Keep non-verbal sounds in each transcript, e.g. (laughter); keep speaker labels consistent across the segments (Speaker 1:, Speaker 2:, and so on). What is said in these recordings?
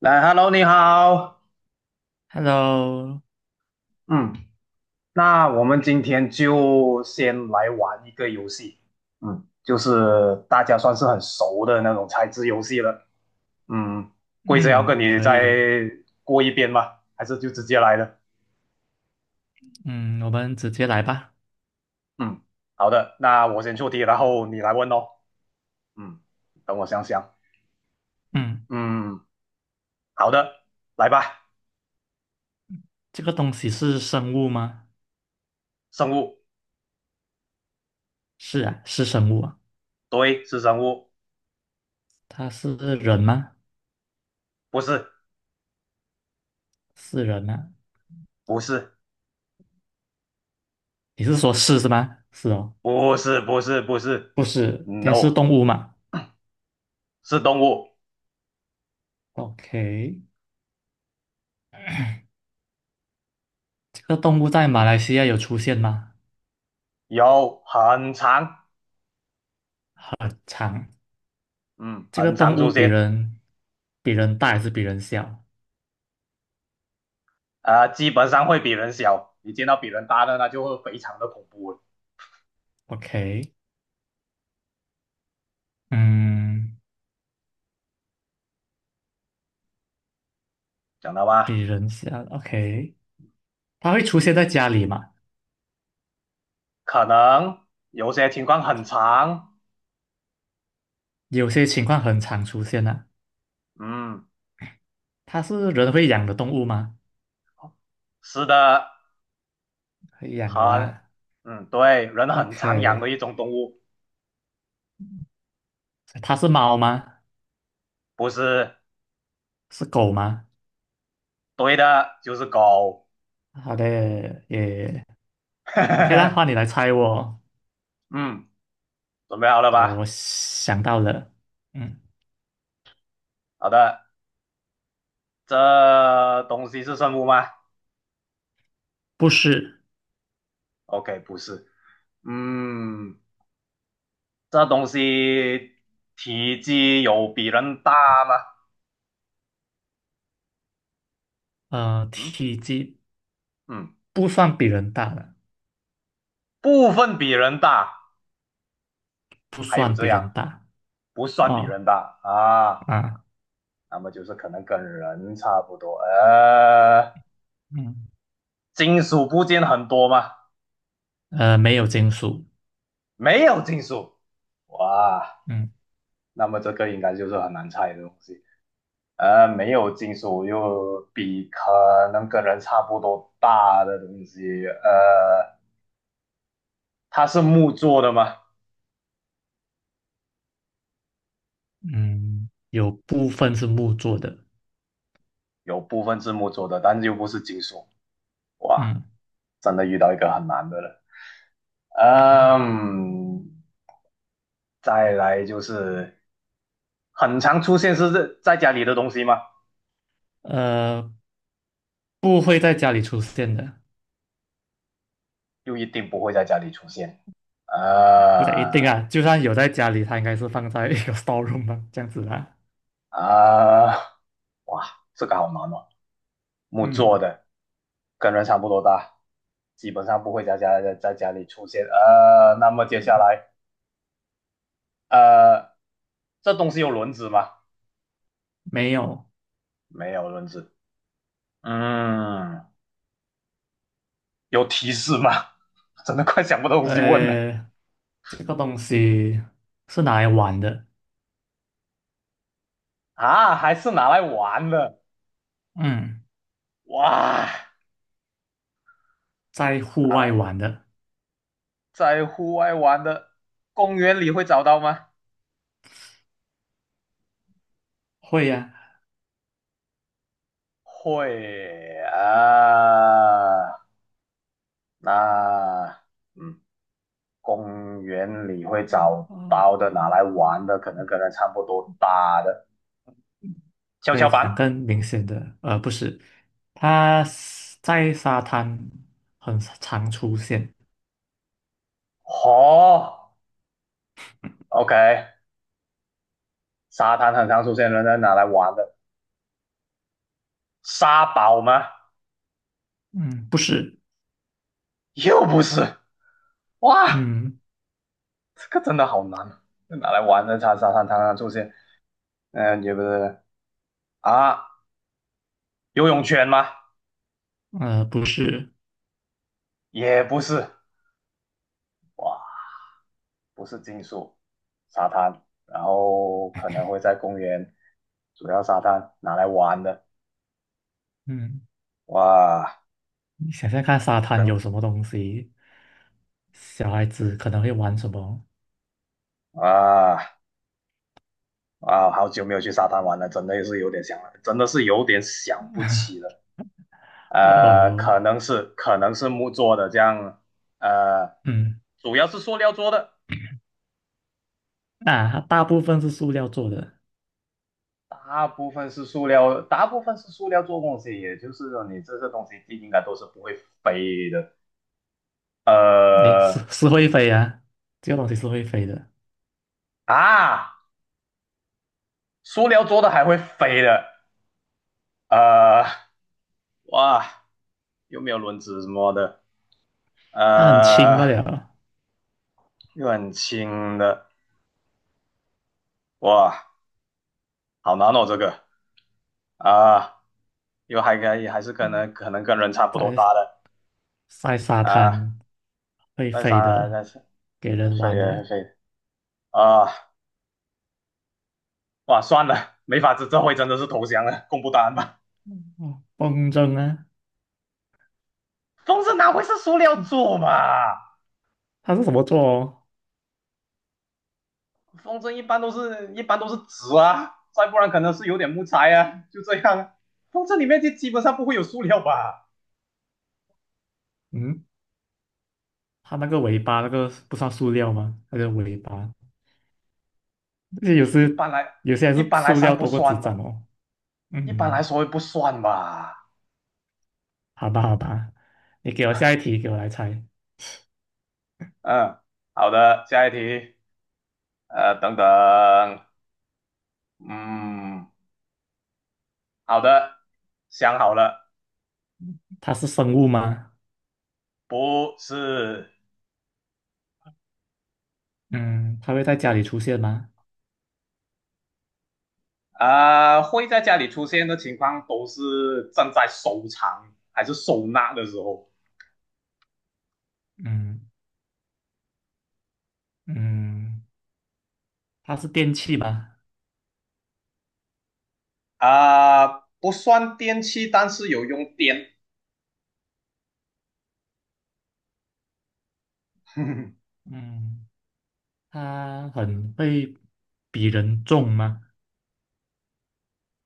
Speaker 1: 来，Hello，你好。
Speaker 2: Hello，
Speaker 1: 嗯，那我们今天就先来玩一个游戏。就是大家算是很熟的那种猜字游戏了。嗯，规则要
Speaker 2: 嗯，
Speaker 1: 跟你
Speaker 2: 可
Speaker 1: 再
Speaker 2: 以。
Speaker 1: 过一遍吗？还是就直接来了？
Speaker 2: 嗯，我们直接来吧。
Speaker 1: 嗯，好的，那我先出题，然后你来问哦。嗯，等我想想。
Speaker 2: 嗯，
Speaker 1: 嗯，好的，来吧。
Speaker 2: 这个东西是生物吗？
Speaker 1: 生物，
Speaker 2: 是啊，是生物啊。
Speaker 1: 对，是生物，
Speaker 2: 它是人吗？
Speaker 1: 不是，
Speaker 2: 是人啊。
Speaker 1: 不是，
Speaker 2: 你是说是是吗？是哦，
Speaker 1: 不是
Speaker 2: 不是，它是
Speaker 1: ，No,
Speaker 2: 动物嘛
Speaker 1: 是动物。
Speaker 2: ？OK，这个动物在马
Speaker 1: 嗯。
Speaker 2: 来西亚有出现吗？
Speaker 1: 有很长，
Speaker 2: 常。
Speaker 1: 嗯，
Speaker 2: 这个
Speaker 1: 很长
Speaker 2: 动物
Speaker 1: 出
Speaker 2: 比
Speaker 1: 现，
Speaker 2: 人大还是比人小
Speaker 1: 啊，基本上会比人小，你见到比人大的那就会非常的恐怖了，
Speaker 2: ？OK，嗯，
Speaker 1: 讲到吧？
Speaker 2: 比人小。OK，它会出现在家里吗？
Speaker 1: 可能有些情况很长，
Speaker 2: 有些情况很常出现啊。
Speaker 1: 嗯，
Speaker 2: 它是人会养的动物吗？
Speaker 1: 是的，
Speaker 2: 会养的
Speaker 1: 很，
Speaker 2: 啦。
Speaker 1: 对，人很常养的一
Speaker 2: OK，
Speaker 1: 种动物，
Speaker 2: 它是猫吗？
Speaker 1: 不是
Speaker 2: 是狗吗？
Speaker 1: 对的，就是狗，
Speaker 2: 好的，也 OK 啦。换你
Speaker 1: (laughs)
Speaker 2: 来猜我，
Speaker 1: 嗯，准备好了
Speaker 2: 我
Speaker 1: 吧？
Speaker 2: 想到了。嗯，
Speaker 1: 好的，这东西是生物吗
Speaker 2: 不是。
Speaker 1: ？OK,不是，嗯。这东西体积有比人大吗？嗯
Speaker 2: 体积
Speaker 1: 嗯，
Speaker 2: 不算比人大的，
Speaker 1: 部分比人大，
Speaker 2: 不
Speaker 1: 还有
Speaker 2: 算
Speaker 1: 这
Speaker 2: 比人
Speaker 1: 样
Speaker 2: 大。
Speaker 1: 不算比
Speaker 2: 哦
Speaker 1: 人大啊，
Speaker 2: 啊，
Speaker 1: 那么就是可能跟人差不多。
Speaker 2: 嗯，
Speaker 1: 金属部件很多吗？
Speaker 2: 没有金属。
Speaker 1: 没有金属，哇，
Speaker 2: 嗯
Speaker 1: 那么这个应该就是很难猜的东西。没有金属又比可能跟人差不多大的东西，它是木做的吗？
Speaker 2: 嗯，有部分是木做的。
Speaker 1: 有部分字幕做的，但是又不是金属，哇，
Speaker 2: 嗯
Speaker 1: 真的遇到一个很难的了。
Speaker 2: 嗯，
Speaker 1: 嗯，再来就是很常出现是在家里的东西吗？
Speaker 2: 呃，不会在家里出现的。
Speaker 1: 又一定不会在家里出现。
Speaker 2: 不太一定
Speaker 1: 呃
Speaker 2: 啊，就算有在家里，它应该是放在一个 (laughs) storeroom 吧，这样子啦。
Speaker 1: 啊、呃哇，这个好难哦，木做
Speaker 2: 嗯，
Speaker 1: 的，跟人差不多大，基本上不会在家在家里出现。那么接下来，呃，这东西有轮子吗？
Speaker 2: 没有。
Speaker 1: 没有轮子。嗯，有提示吗？(laughs) 真的快想不到东西问了
Speaker 2: 呃，这个东西是拿来玩的。
Speaker 1: 啊！还是拿来玩的
Speaker 2: 嗯，
Speaker 1: 哇？
Speaker 2: 在户
Speaker 1: 拿
Speaker 2: 外
Speaker 1: 来
Speaker 2: 玩的，
Speaker 1: 在户外玩的，公园里会找到吗？
Speaker 2: 会呀、
Speaker 1: 会啊，那嗯，公园里会
Speaker 2: 啊。
Speaker 1: 找
Speaker 2: 哦
Speaker 1: 到的，拿
Speaker 2: 哦，
Speaker 1: 来玩的，可能跟它差不多大的跷
Speaker 2: 可
Speaker 1: 跷
Speaker 2: 以讲更
Speaker 1: 板。
Speaker 2: 明显的，不是，它是在沙滩很常出现。
Speaker 1: 哦，OK,沙滩很常出现，的，拿来玩的。沙堡吗？
Speaker 2: 嗯，不是。
Speaker 1: 又不是哇。
Speaker 2: 嗯，
Speaker 1: 这个真的好难啊，拿来玩的沙滩上出现，也不是啊，游泳圈吗？
Speaker 2: 不是。
Speaker 1: 也不是，哇，不是金属沙滩，然后可能会在公园主要沙滩拿来玩的，
Speaker 2: 嗯，
Speaker 1: 哇，
Speaker 2: 你想想看，沙滩
Speaker 1: 等
Speaker 2: 有什么东西？小孩子可能会玩什么？
Speaker 1: 啊啊，好久没有去沙滩玩了，真的也是有点想了，真的是有点想不起了，
Speaker 2: 哦，
Speaker 1: 可能是木做的这样，呃，
Speaker 2: 嗯，
Speaker 1: 主要是塑料做的，
Speaker 2: 啊，大部分是塑料做的。
Speaker 1: 大部分是塑料，大部分是塑料做东西，也就是说你这些东西应该都是不会飞的。
Speaker 2: 诶，是
Speaker 1: 呃
Speaker 2: (laughs) 是会飞啊，这个东西是会飞的，
Speaker 1: 啊，塑料做的还会飞的，呃哇，有没有轮子什么的，
Speaker 2: 它很轻罢
Speaker 1: 呃
Speaker 2: 了，
Speaker 1: 又很轻的，哇，好难哦这个啊、呃又还可以，还是可能跟人差不多
Speaker 2: 在
Speaker 1: 大的
Speaker 2: 沙
Speaker 1: 啊、
Speaker 2: 滩会
Speaker 1: 再
Speaker 2: 飞
Speaker 1: 杀再
Speaker 2: 的，
Speaker 1: 杀
Speaker 2: 给人
Speaker 1: 飞
Speaker 2: 玩的。
Speaker 1: 飞啊、哇算了，没法子，这回真的是投降了，公布答案吧。
Speaker 2: 哦，风筝啊。
Speaker 1: 风筝哪会是塑料做嘛？
Speaker 2: 它是什么做哦？
Speaker 1: 风筝一般都是一般都是纸啊，再不然可能是有点木材啊，就这样啊。风筝里面就基本上不会有塑料吧？
Speaker 2: 嗯，它那个尾巴那个不算塑料吗？那个尾巴，这些有
Speaker 1: 一
Speaker 2: 时
Speaker 1: 般来
Speaker 2: 有些还
Speaker 1: 一
Speaker 2: 是
Speaker 1: 般来
Speaker 2: 塑
Speaker 1: 上
Speaker 2: 料
Speaker 1: 不
Speaker 2: 多过纸
Speaker 1: 算
Speaker 2: 张
Speaker 1: 吧，
Speaker 2: 哦。嗯，
Speaker 1: 一
Speaker 2: 嗯
Speaker 1: 般来
Speaker 2: 嗯，
Speaker 1: 说不算吧。
Speaker 2: 好吧，好吧，你给我下一题，给我来猜。
Speaker 1: 嗯，好的，下一题。等等，嗯，好的，想好了，
Speaker 2: 它是生物吗？
Speaker 1: 不是
Speaker 2: 嗯，它会在家里出现吗？
Speaker 1: 会在家里出现的情况都是正在收藏还是收纳的时候。
Speaker 2: 嗯嗯，它是电器吗？
Speaker 1: 啊、不算电器，但是有用电，(laughs)
Speaker 2: 嗯，它很会比人重吗？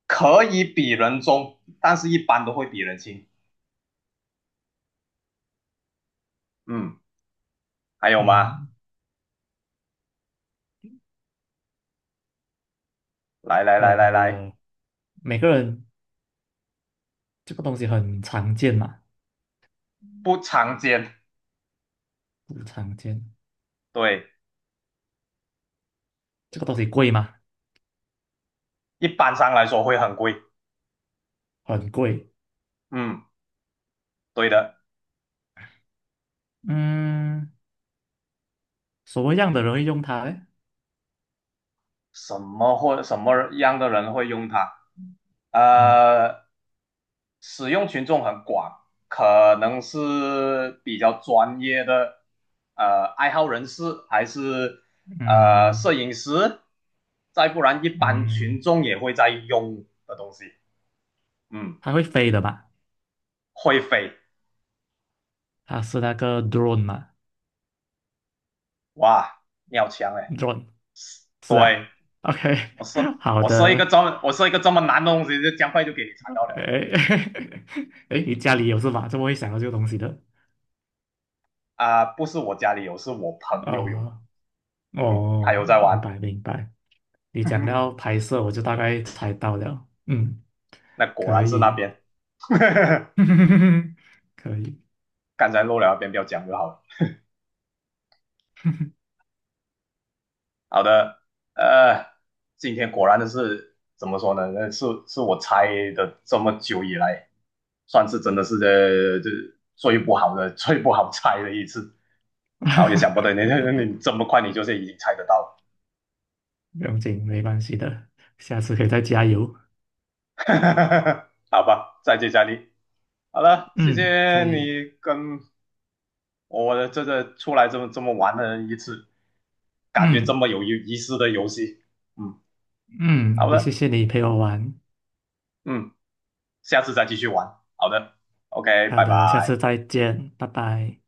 Speaker 1: 可以比人重，但是一般都会比人轻。嗯，还有吗？
Speaker 2: 嗯，
Speaker 1: 来来来来来，
Speaker 2: 呃，每个人这个东西很常见嘛？
Speaker 1: 不常见，
Speaker 2: 不常见，
Speaker 1: 对，
Speaker 2: 这个东西贵吗？
Speaker 1: 一般上来说会很贵。
Speaker 2: 很贵。
Speaker 1: 嗯，对的。
Speaker 2: 嗯，什么样的人会用它嘞？
Speaker 1: 什么样的人会用它？
Speaker 2: 嗯
Speaker 1: 呃，使用群众很广，可能是比较专业的爱好人士，还是摄
Speaker 2: 嗯
Speaker 1: 影师，再不然一般
Speaker 2: 嗯，
Speaker 1: 群众也会在用的东西。嗯，
Speaker 2: 它会飞的吧？
Speaker 1: 会飞，
Speaker 2: 它是那个 drone 嘛
Speaker 1: 哇，你好强哎！
Speaker 2: ？drone 是啊。
Speaker 1: 对，
Speaker 2: OK，(laughs) 好的。
Speaker 1: 我设一个这么难的东西，就这样快就给你猜到了
Speaker 2: 哎 (laughs) 哎，你家里有是吧？怎么会想到这个东西的？
Speaker 1: 不是我家里有，是我朋友有。
Speaker 2: 哦
Speaker 1: 嗯，他有
Speaker 2: 哦，
Speaker 1: 在
Speaker 2: 明
Speaker 1: 玩，
Speaker 2: 白明白。你讲到
Speaker 1: (laughs)
Speaker 2: 拍摄，我就大概猜到了。嗯，
Speaker 1: 那果
Speaker 2: 可
Speaker 1: 然是那
Speaker 2: 以，
Speaker 1: 边，(laughs)
Speaker 2: (laughs) 可以，
Speaker 1: 刚才漏了那边不要讲就好了。好的，呃，今天果然的是怎么说呢？那是我猜的这么久以来，算是真的是这最不好的、(laughs) 最不好猜的一次。
Speaker 2: (laughs)
Speaker 1: 然后也想不到你 (laughs) 你这么快你就是已经猜得到了，
Speaker 2: 不用紧，没关系的，下次可以再加油。
Speaker 1: (laughs) 好吧，再接再厉。好了，谢
Speaker 2: 嗯，
Speaker 1: 谢
Speaker 2: 可以。
Speaker 1: 你跟我的这个出来这么玩的一次。感觉这
Speaker 2: 嗯
Speaker 1: 么有意思的游戏。嗯，
Speaker 2: 嗯，
Speaker 1: 好
Speaker 2: 也谢
Speaker 1: 的，
Speaker 2: 谢你陪我玩。
Speaker 1: 嗯，下次再继续玩。好的，OK,
Speaker 2: 好
Speaker 1: 拜
Speaker 2: 的，下次
Speaker 1: 拜。
Speaker 2: 再见，拜拜。